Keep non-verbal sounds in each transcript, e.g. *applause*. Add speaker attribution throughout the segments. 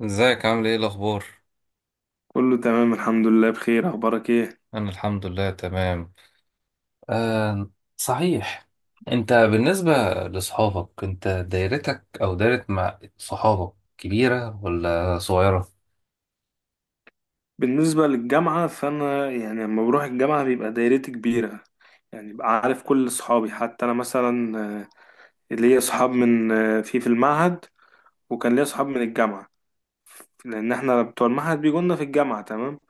Speaker 1: ازيك؟ عامل ايه؟ الاخبار؟
Speaker 2: كله تمام الحمد لله بخير، اخبارك ايه؟
Speaker 1: انا الحمد لله تمام. آه. صحيح. انت بالنسبة لاصحابك، انت دايرتك او دايرة مع صحابك كبيرة ولا صغيرة؟
Speaker 2: بالنسبه للجامعه فانا يعني لما بروح الجامعه بيبقى دايرتي كبيره. يعني بقى عارف كل اصحابي. حتى انا مثلا ليا اصحاب من في المعهد، وكان ليا اصحاب من الجامعه، لان احنا بتوع المعهد بيجونا في الجامعه. تمام.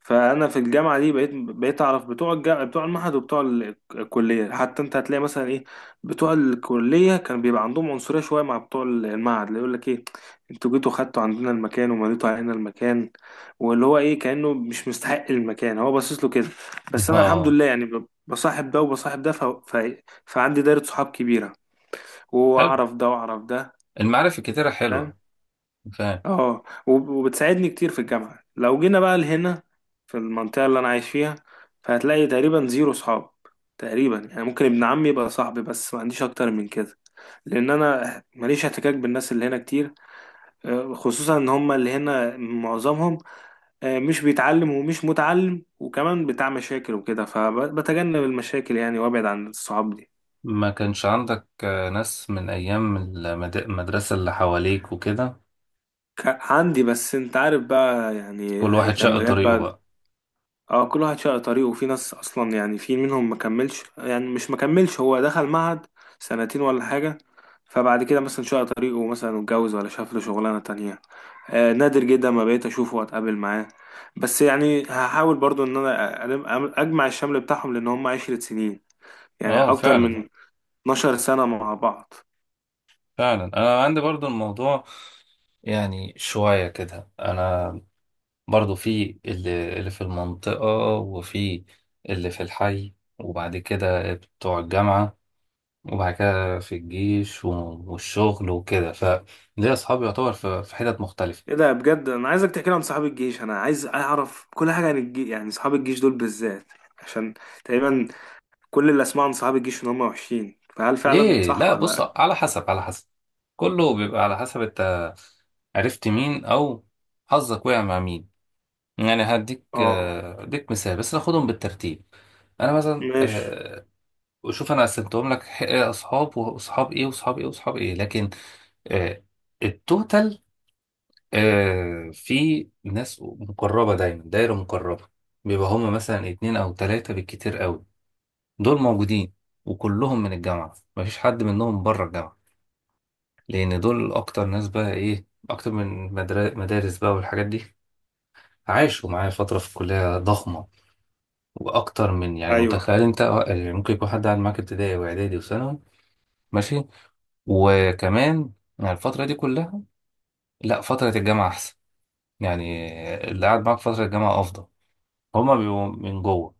Speaker 2: فانا في الجامعه دي بقيت اعرف بتوع المعهد وبتوع الكليه. حتى انت هتلاقي مثلا ايه، بتوع الكليه كان بيبقى عندهم عنصريه شويه مع بتوع المعهد، اللي يقول لك ايه، انتوا جيتوا خدتوا عندنا المكان ومليتوا علينا المكان، واللي هو ايه كانه مش مستحق المكان، هو باصص له كده. بس
Speaker 1: *laughs*
Speaker 2: انا الحمد
Speaker 1: اه.
Speaker 2: لله يعني بصاحب ده وبصاحب ده فعندي دايره صحاب كبيره،
Speaker 1: حلو.
Speaker 2: واعرف ده واعرف ده.
Speaker 1: المعارف الكتيرة حلوة. فاهم.
Speaker 2: اه، وبتساعدني كتير في الجامعة. لو جينا بقى لهنا في المنطقة اللي أنا عايش فيها، فهتلاقي تقريبا زيرو صحاب. تقريبا يعني ممكن ابن عمي يبقى صاحبي، بس ما عنديش أكتر من كده، لأن أنا ماليش احتكاك بالناس اللي هنا كتير. خصوصا إن هما اللي هنا معظمهم، مش بيتعلم ومش متعلم، وكمان بتاع مشاكل وكده، فبتجنب المشاكل يعني، وأبعد عن الصحاب دي.
Speaker 1: ما كانش عندك ناس من ايام المدرسة اللي حواليك وكده؟
Speaker 2: ك- عندي، بس انت عارف بقى يعني
Speaker 1: كل
Speaker 2: أهي
Speaker 1: واحد شق
Speaker 2: لما جت
Speaker 1: طريقه
Speaker 2: بقى.
Speaker 1: بقى.
Speaker 2: اه، كل واحد شق طريقه، وفي ناس اصلا يعني في منهم ما كملش، يعني مش ما كملش، هو دخل معهد سنتين ولا حاجه، فبعد كده مثلا شق طريقه، مثلا اتجوز ولا شاف له شغلانه تانية. آه، نادر جدا ما بقيت اشوفه واتقابل معاه. بس يعني هحاول برضو ان انا اجمع الشمل بتاعهم، لان هم عشرة سنين، يعني
Speaker 1: اه،
Speaker 2: اكتر
Speaker 1: فعلا.
Speaker 2: من 12 سنه مع بعض.
Speaker 1: فعلا، انا عندي برضو الموضوع، يعني شوية كده، انا برضو في اللي في المنطقة، وفي اللي في الحي، وبعد كده بتوع الجامعة، وبعد كده في الجيش والشغل وكده، فليه أصحابي يعتبر في حتت مختلفة.
Speaker 2: ايه ده، بجد انا عايزك تحكي لي عن صحاب الجيش، انا عايز اعرف كل حاجه عن الجيش، يعني صحاب الجيش دول بالذات، عشان تقريبا كل اللي اسمعه عن صحاب الجيش ان هم وحشين، فهل فعلا
Speaker 1: ليه؟
Speaker 2: صح
Speaker 1: لا،
Speaker 2: ولا
Speaker 1: بص،
Speaker 2: لا؟
Speaker 1: على حسب على حسب، كله بيبقى على حسب انت عرفت مين أو حظك وقع مع مين. يعني هديك
Speaker 2: اه.
Speaker 1: هديك مثال بس، ناخدهم بالترتيب. انا مثلا،
Speaker 2: ماشي.
Speaker 1: شوف، انا قسمتهم لك، اصحاب واصحاب ايه واصحاب ايه واصحاب ايه، لكن آه، التوتال، في ناس مقربة دايما، دايرة مقربة، بيبقى هما مثلا اتنين أو تلاتة بالكتير قوي. دول موجودين وكلهم من الجامعة، مفيش حد منهم بره الجامعة، لأن دول أكتر ناس بقى إيه، أكتر من مدارس بقى والحاجات دي، عاشوا معايا فترة في الكلية ضخمة. وأكتر من، يعني
Speaker 2: ايوه.
Speaker 1: متخيل أنت، يعني ممكن يكون حد قاعد معاك ابتدائي وإعدادي وثانوي ماشي، وكمان، يعني الفترة دي كلها. لا، فترة الجامعة أحسن. يعني اللي قاعد معاك فترة الجامعة أفضل، هما بيبقوا من جوه.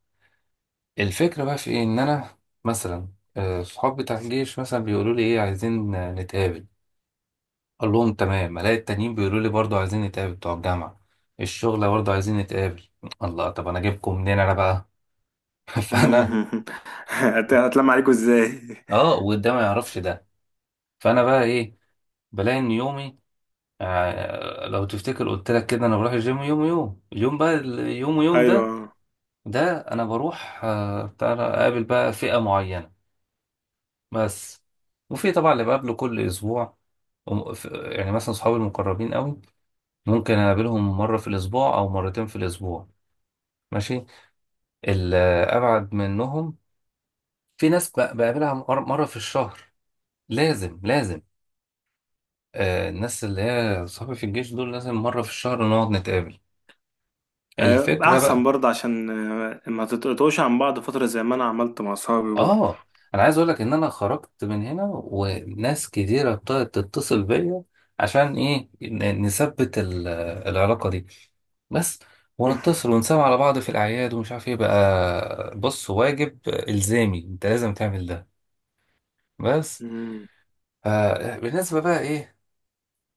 Speaker 1: الفكرة بقى في إيه؟ إن أنا مثلا، صحاب بتاع الجيش مثلا بيقولوا لي إيه، عايزين نتقابل، أقول لهم تمام. ألاقي التانيين بيقولوا لي برضه عايزين نتقابل بتوع الجامعة، الشغل برضه عايزين نتقابل. الله، طب أنا أجيبكم منين أنا بقى؟ *laughs* فأنا
Speaker 2: *laughs* هتلم عليكوا ازاي؟ *laughs*
Speaker 1: آه، وده ما يعرفش ده. فأنا بقى إيه؟ بلاقي إن يومي، لو تفتكر قلت لك كده، أنا بروح الجيم يوم، ويوم يوم بقى اليوم، ويوم ده
Speaker 2: ايوه.
Speaker 1: ده انا بروح بتاع ده، اقابل بقى فئة معينة بس. وفي طبعا اللي بقابله كل اسبوع. يعني مثلا صحابي المقربين قوي، ممكن اقابلهم مرة في الاسبوع او مرتين في الاسبوع ماشي. الابعد منهم، في ناس بقابلها مرة في الشهر. لازم لازم. الناس اللي هي صحابي في الجيش دول لازم مرة في الشهر نقعد نتقابل. الفكرة
Speaker 2: احسن
Speaker 1: بقى،
Speaker 2: برضه عشان ما تتقطعوش عن بعض فتره، زي ما انا عملت مع صحابي برضه.
Speaker 1: اه، انا عايز اقول لك ان انا خرجت من هنا وناس كتيره ابتدت تتصل بيا، عشان ايه؟ نثبت العلاقه دي بس، ونتصل
Speaker 2: *laughs*
Speaker 1: ونسمع على بعض في الاعياد ومش عارف ايه بقى. بص، واجب الزامي انت لازم تعمل ده، بس.
Speaker 2: مم.
Speaker 1: بالنسبه بقى ايه،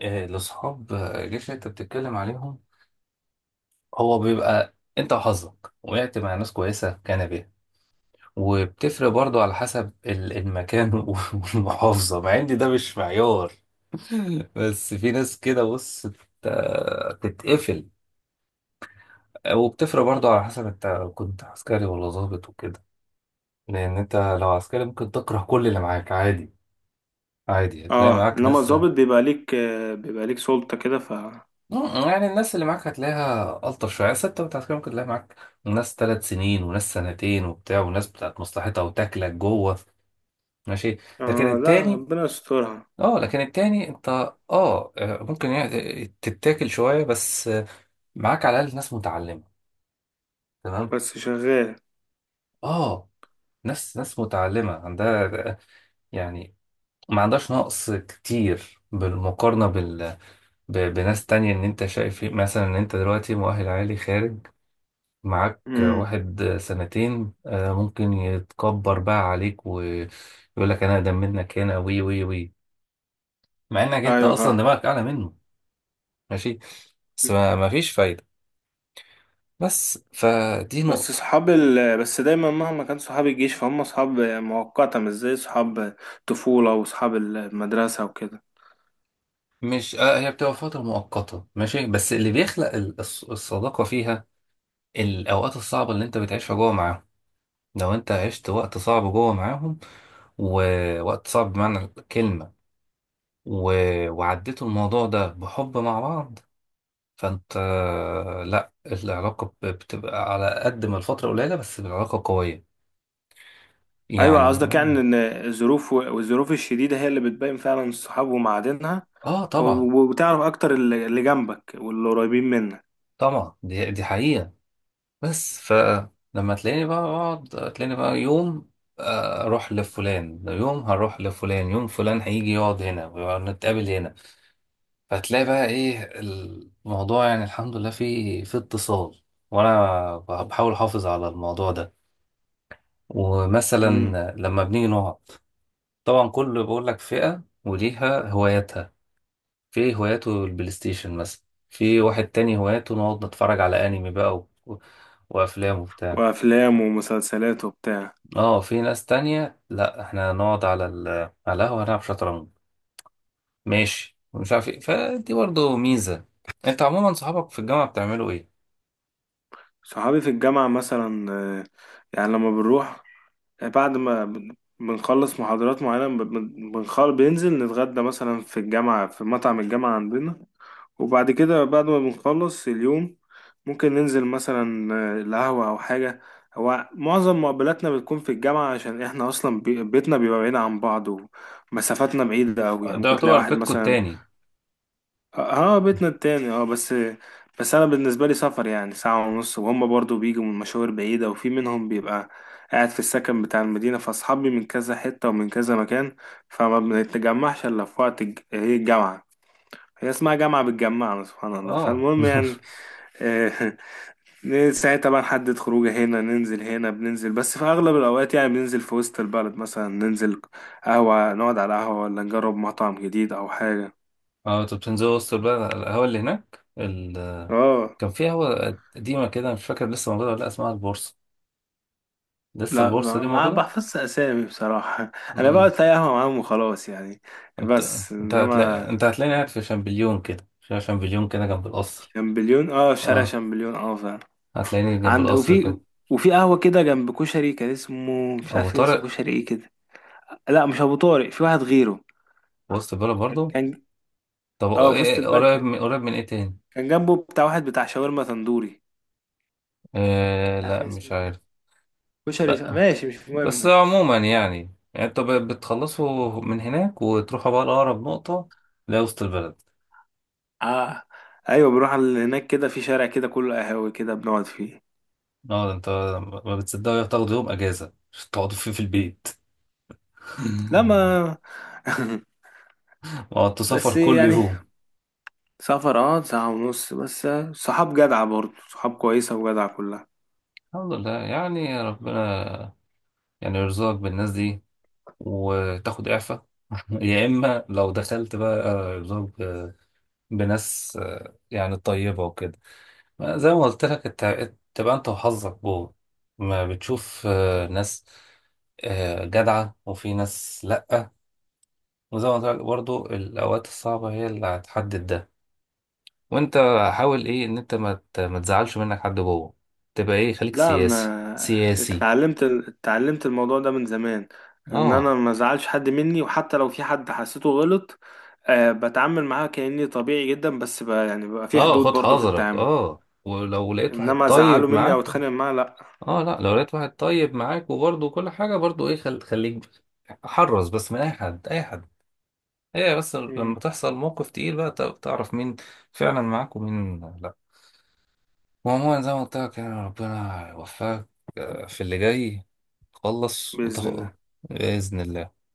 Speaker 1: لاصحاب الجيش اللي انت بتتكلم عليهم، هو بيبقى انت وحظك، وقعت مع ناس كويسه كان بيها. وبتفرق برضو على حسب المكان *laughs* والمحافظة، مع ان ده مش معيار. *laughs* بس في ناس كده، بص بتتقفل، وبتفرق برضو على حسب انت كنت عسكري ولا ضابط وكده. لان انت لو عسكري ممكن تكره كل اللي معاك عادي. عادي، هتلاقي
Speaker 2: اه،
Speaker 1: معاك
Speaker 2: انما
Speaker 1: ناس.
Speaker 2: الضابط بيبقى ليك بيبقى ليك سلطة كده ف.
Speaker 1: يعني الناس اللي معاك هتلاقيها ألطف شوية، بس انت كنت عسكري ممكن تلاقي معاك ناس 3 سنين وناس سنتين وبتاع، وناس بتاعت مصلحتها وتاكلك جوه ماشي. لكن
Speaker 2: اه لا،
Speaker 1: التاني
Speaker 2: ربنا يسترها.
Speaker 1: اه لكن التاني انت ممكن يعني تتاكل شوية، بس معاك على الأقل ناس متعلمة، تمام.
Speaker 2: بس شغال.
Speaker 1: اه، ناس متعلمة عندها، يعني ما عندهاش نقص كتير بالمقارنة بناس تانية، ان انت شايف إيه. مثلا ان انت دلوقتي مؤهل عالي، خارج معاك
Speaker 2: *laughs* امم.
Speaker 1: واحد سنتين، ممكن يتكبر بقى عليك ويقول لك انا اقدم منك، هنا وي وي وي، مع انك انت
Speaker 2: ايوه
Speaker 1: اصلا
Speaker 2: فاهم.
Speaker 1: دماغك اعلى منه ماشي، بس ما فيش فايدة. بس فدي نقطة.
Speaker 2: بس دايما مهما كان صحاب الجيش فهم صحاب مؤقتة، مش زي صحاب طفولة وصحاب المدرسة وكده.
Speaker 1: مش، هي بتبقى فترة مؤقتة ماشي، بس اللي بيخلق الصداقة فيها الأوقات الصعبة اللي أنت بتعيشها جوه معاهم. لو أنت عشت وقت صعب جوه معاهم، ووقت صعب بمعنى الكلمة، و... وعديتوا الموضوع ده بحب مع بعض، فأنت، لأ العلاقة بتبقى على قد ما الفترة قليلة، بس العلاقة قوية
Speaker 2: أيوة،
Speaker 1: يعني.
Speaker 2: قصدك يعني إن الظروف والظروف الشديدة هي اللي بتبين فعلا الصحاب ومعادنها.
Speaker 1: آه، طبعا.
Speaker 2: وبتعرف أكتر اللي جنبك واللي قريبين منك.
Speaker 1: طبعا دي حقيقة، بس فلما تلاقيني بقى اقعد، تلاقيني بقى يوم اروح لفلان، يوم هروح لفلان، يوم فلان هيجي يقعد هنا ونتقابل هنا. فتلاقي بقى ايه الموضوع، يعني الحمد لله فيه في اتصال، وانا بحاول احافظ على الموضوع ده. ومثلا
Speaker 2: امم.
Speaker 1: لما بنيجي نقعد، طبعا كل بقول لك فئة وليها هواياتها، في هواياته البلاي ستيشن مثلا، في واحد تاني هواياته نقعد نتفرج على انمي بقى وافلام وبتاع،
Speaker 2: وأفلام ومسلسلات وبتاع.
Speaker 1: اه في ناس تانية لا، احنا هنقعد على على القهوة هنلعب شطرنج ماشي، ومش عارف ايه، فدي برضه ميزة. انت عموما صحابك في الجامعة بتعملوا ايه؟
Speaker 2: صحابي في الجامعة مثلا يعني لما بنروح، بعد ما بنخلص محاضرات معينة بننزل نتغدى مثلا في الجامعة، في مطعم الجامعة عندنا. وبعد كده بعد ما بنخلص اليوم، ممكن ننزل مثلا القهوة أو حاجة. هو معظم مقابلاتنا بتكون في الجامعة، عشان احنا أصلا بيتنا بيبقى بعيد عن بعض، ومسافاتنا بعيدة أوي، يعني
Speaker 1: ده
Speaker 2: ممكن تلاقي
Speaker 1: يعتبر
Speaker 2: واحد
Speaker 1: بيتكم
Speaker 2: مثلا.
Speaker 1: التاني.
Speaker 2: اه، بيتنا التاني اه، بس، بس أنا بالنسبة لي سفر يعني ساعة ونص، وهم برضو بيجوا من مشاوير بعيدة، وفي منهم بيبقى قاعد في السكن بتاع المدينة، فأصحابي من كذا حتة ومن كذا مكان، فما بنتجمعش إلا في وقت هي الجامعة، هي اسمها جامعة بتجمعنا سبحان الله.
Speaker 1: اه.
Speaker 2: فالمهم يعني،
Speaker 1: *laughs*
Speaker 2: آه، *laughs* ساعتها طبعا نحدد خروجه، هنا ننزل، هنا بننزل، بس في أغلب الأوقات يعني بننزل في وسط البلد مثلا، ننزل قهوة، نقعد على قهوة، ولا نجرب مطعم جديد أو حاجة.
Speaker 1: اه، انتوا بتنزلوا وسط البلد على القهوة اللي هناك
Speaker 2: اه
Speaker 1: كان في قهوة قديمة كده، مش فاكر لسه موجودة ولا لأ، اسمها البورصة. لسه
Speaker 2: لا،
Speaker 1: البورصة
Speaker 2: ما
Speaker 1: دي
Speaker 2: ما
Speaker 1: موجودة؟
Speaker 2: بحفظش أسامي بصراحة. *laughs* أنا بقعد
Speaker 1: امم.
Speaker 2: في أي قهوة معاهم وخلاص يعني،
Speaker 1: انت
Speaker 2: بس
Speaker 1: انت هتلاقي
Speaker 2: إنما.
Speaker 1: انت هتلاقيني قاعد في شامبليون كده، في شامبليون كده جنب القصر.
Speaker 2: شامبليون اه، في شارع
Speaker 1: اه،
Speaker 2: شامبليون اه فعلا.
Speaker 1: هتلاقيني جنب
Speaker 2: عند،
Speaker 1: القصر
Speaker 2: وفي،
Speaker 1: كده.
Speaker 2: وفي قهوة كده جنب كشري، كان اسمه مش
Speaker 1: أبو
Speaker 2: عارف اسمه
Speaker 1: طارق.
Speaker 2: كشري ايه كده. لا مش أبو طارق، في واحد غيره.
Speaker 1: في وسط البلد برضه.
Speaker 2: كان،
Speaker 1: طب
Speaker 2: اه، في وسط
Speaker 1: إيه،
Speaker 2: البلد
Speaker 1: قريب
Speaker 2: كان،
Speaker 1: من قريب من ايه تاني؟
Speaker 2: كان جنبه بتاع واحد بتاع شاورما تندوري.
Speaker 1: آه،
Speaker 2: مش عارف
Speaker 1: لا،
Speaker 2: إيه اسمه
Speaker 1: مش
Speaker 2: إيه.
Speaker 1: عارف.
Speaker 2: كشري
Speaker 1: لا،
Speaker 2: ماشي مش
Speaker 1: بس
Speaker 2: مهم.
Speaker 1: عموما يعني، انتوا بتخلصوا من هناك وتروحوا بقى لأقرب نقطة، لا وسط البلد.
Speaker 2: اه، ايوه بنروح على هناك كده، في شارع كده كله قهاوي كده بنقعد فيه.
Speaker 1: اه، ده انت ما بتصدقوا تاخدوا يوم اجازة عشان تقعدوا فيه في البيت.
Speaker 2: لا
Speaker 1: *laughs*
Speaker 2: ما. *laughs*
Speaker 1: وقعدتوا سفر
Speaker 2: بس
Speaker 1: كل
Speaker 2: يعني
Speaker 1: يوم.
Speaker 2: سفر، اه ساعة ونص بس. صحاب جدعة برضه، صحاب كويسة وجدعة كلها.
Speaker 1: الحمد لله، يعني ربنا يعني يرزقك بالناس دي وتاخد إعفاء، *laughs* يا إما لو دخلت بقى يرزقك بناس، يعني طيبة وكده. زي ما قلت لك، تبقى انت وحظك جوه، ما بتشوف ناس، جدعة وفي ناس لأ. وزي ما قلت لك برضو، الأوقات الصعبة هي اللي هتحدد ده. وانت حاول ايه، ان انت ما تزعلش منك حد جوه، تبقى ايه، خليك
Speaker 2: لا
Speaker 1: سياسي
Speaker 2: انا
Speaker 1: سياسي.
Speaker 2: اتعلمت، اتعلمت الموضوع ده من زمان، ان انا
Speaker 1: اه،
Speaker 2: ما ازعلش حد مني، وحتى لو في حد حسيته غلط، أه بتعامل معاه كأني طبيعي جدا، بس بقى يعني بقى في
Speaker 1: اه،
Speaker 2: حدود
Speaker 1: خد
Speaker 2: برضه في
Speaker 1: حذرك.
Speaker 2: التعامل،
Speaker 1: اه، ولو لقيت واحد
Speaker 2: انما ازعله
Speaker 1: طيب
Speaker 2: مني
Speaker 1: معاك.
Speaker 2: او اتخانق معاه لا.
Speaker 1: اه، لا، لو لقيت واحد طيب معاك وبرضه كل حاجة برضه ايه، خليك حرص، بس من اي حد اي حد. هي بس لما
Speaker 2: مم.
Speaker 1: تحصل موقف تقيل بقى تعرف مين فعلا معاك ومين لا. وعموما زي ما قلت لك، يعني ربنا يوفقك في اللي جاي، خلص
Speaker 2: بإذن
Speaker 1: وتاخد.
Speaker 2: الله.
Speaker 1: بإذن الله.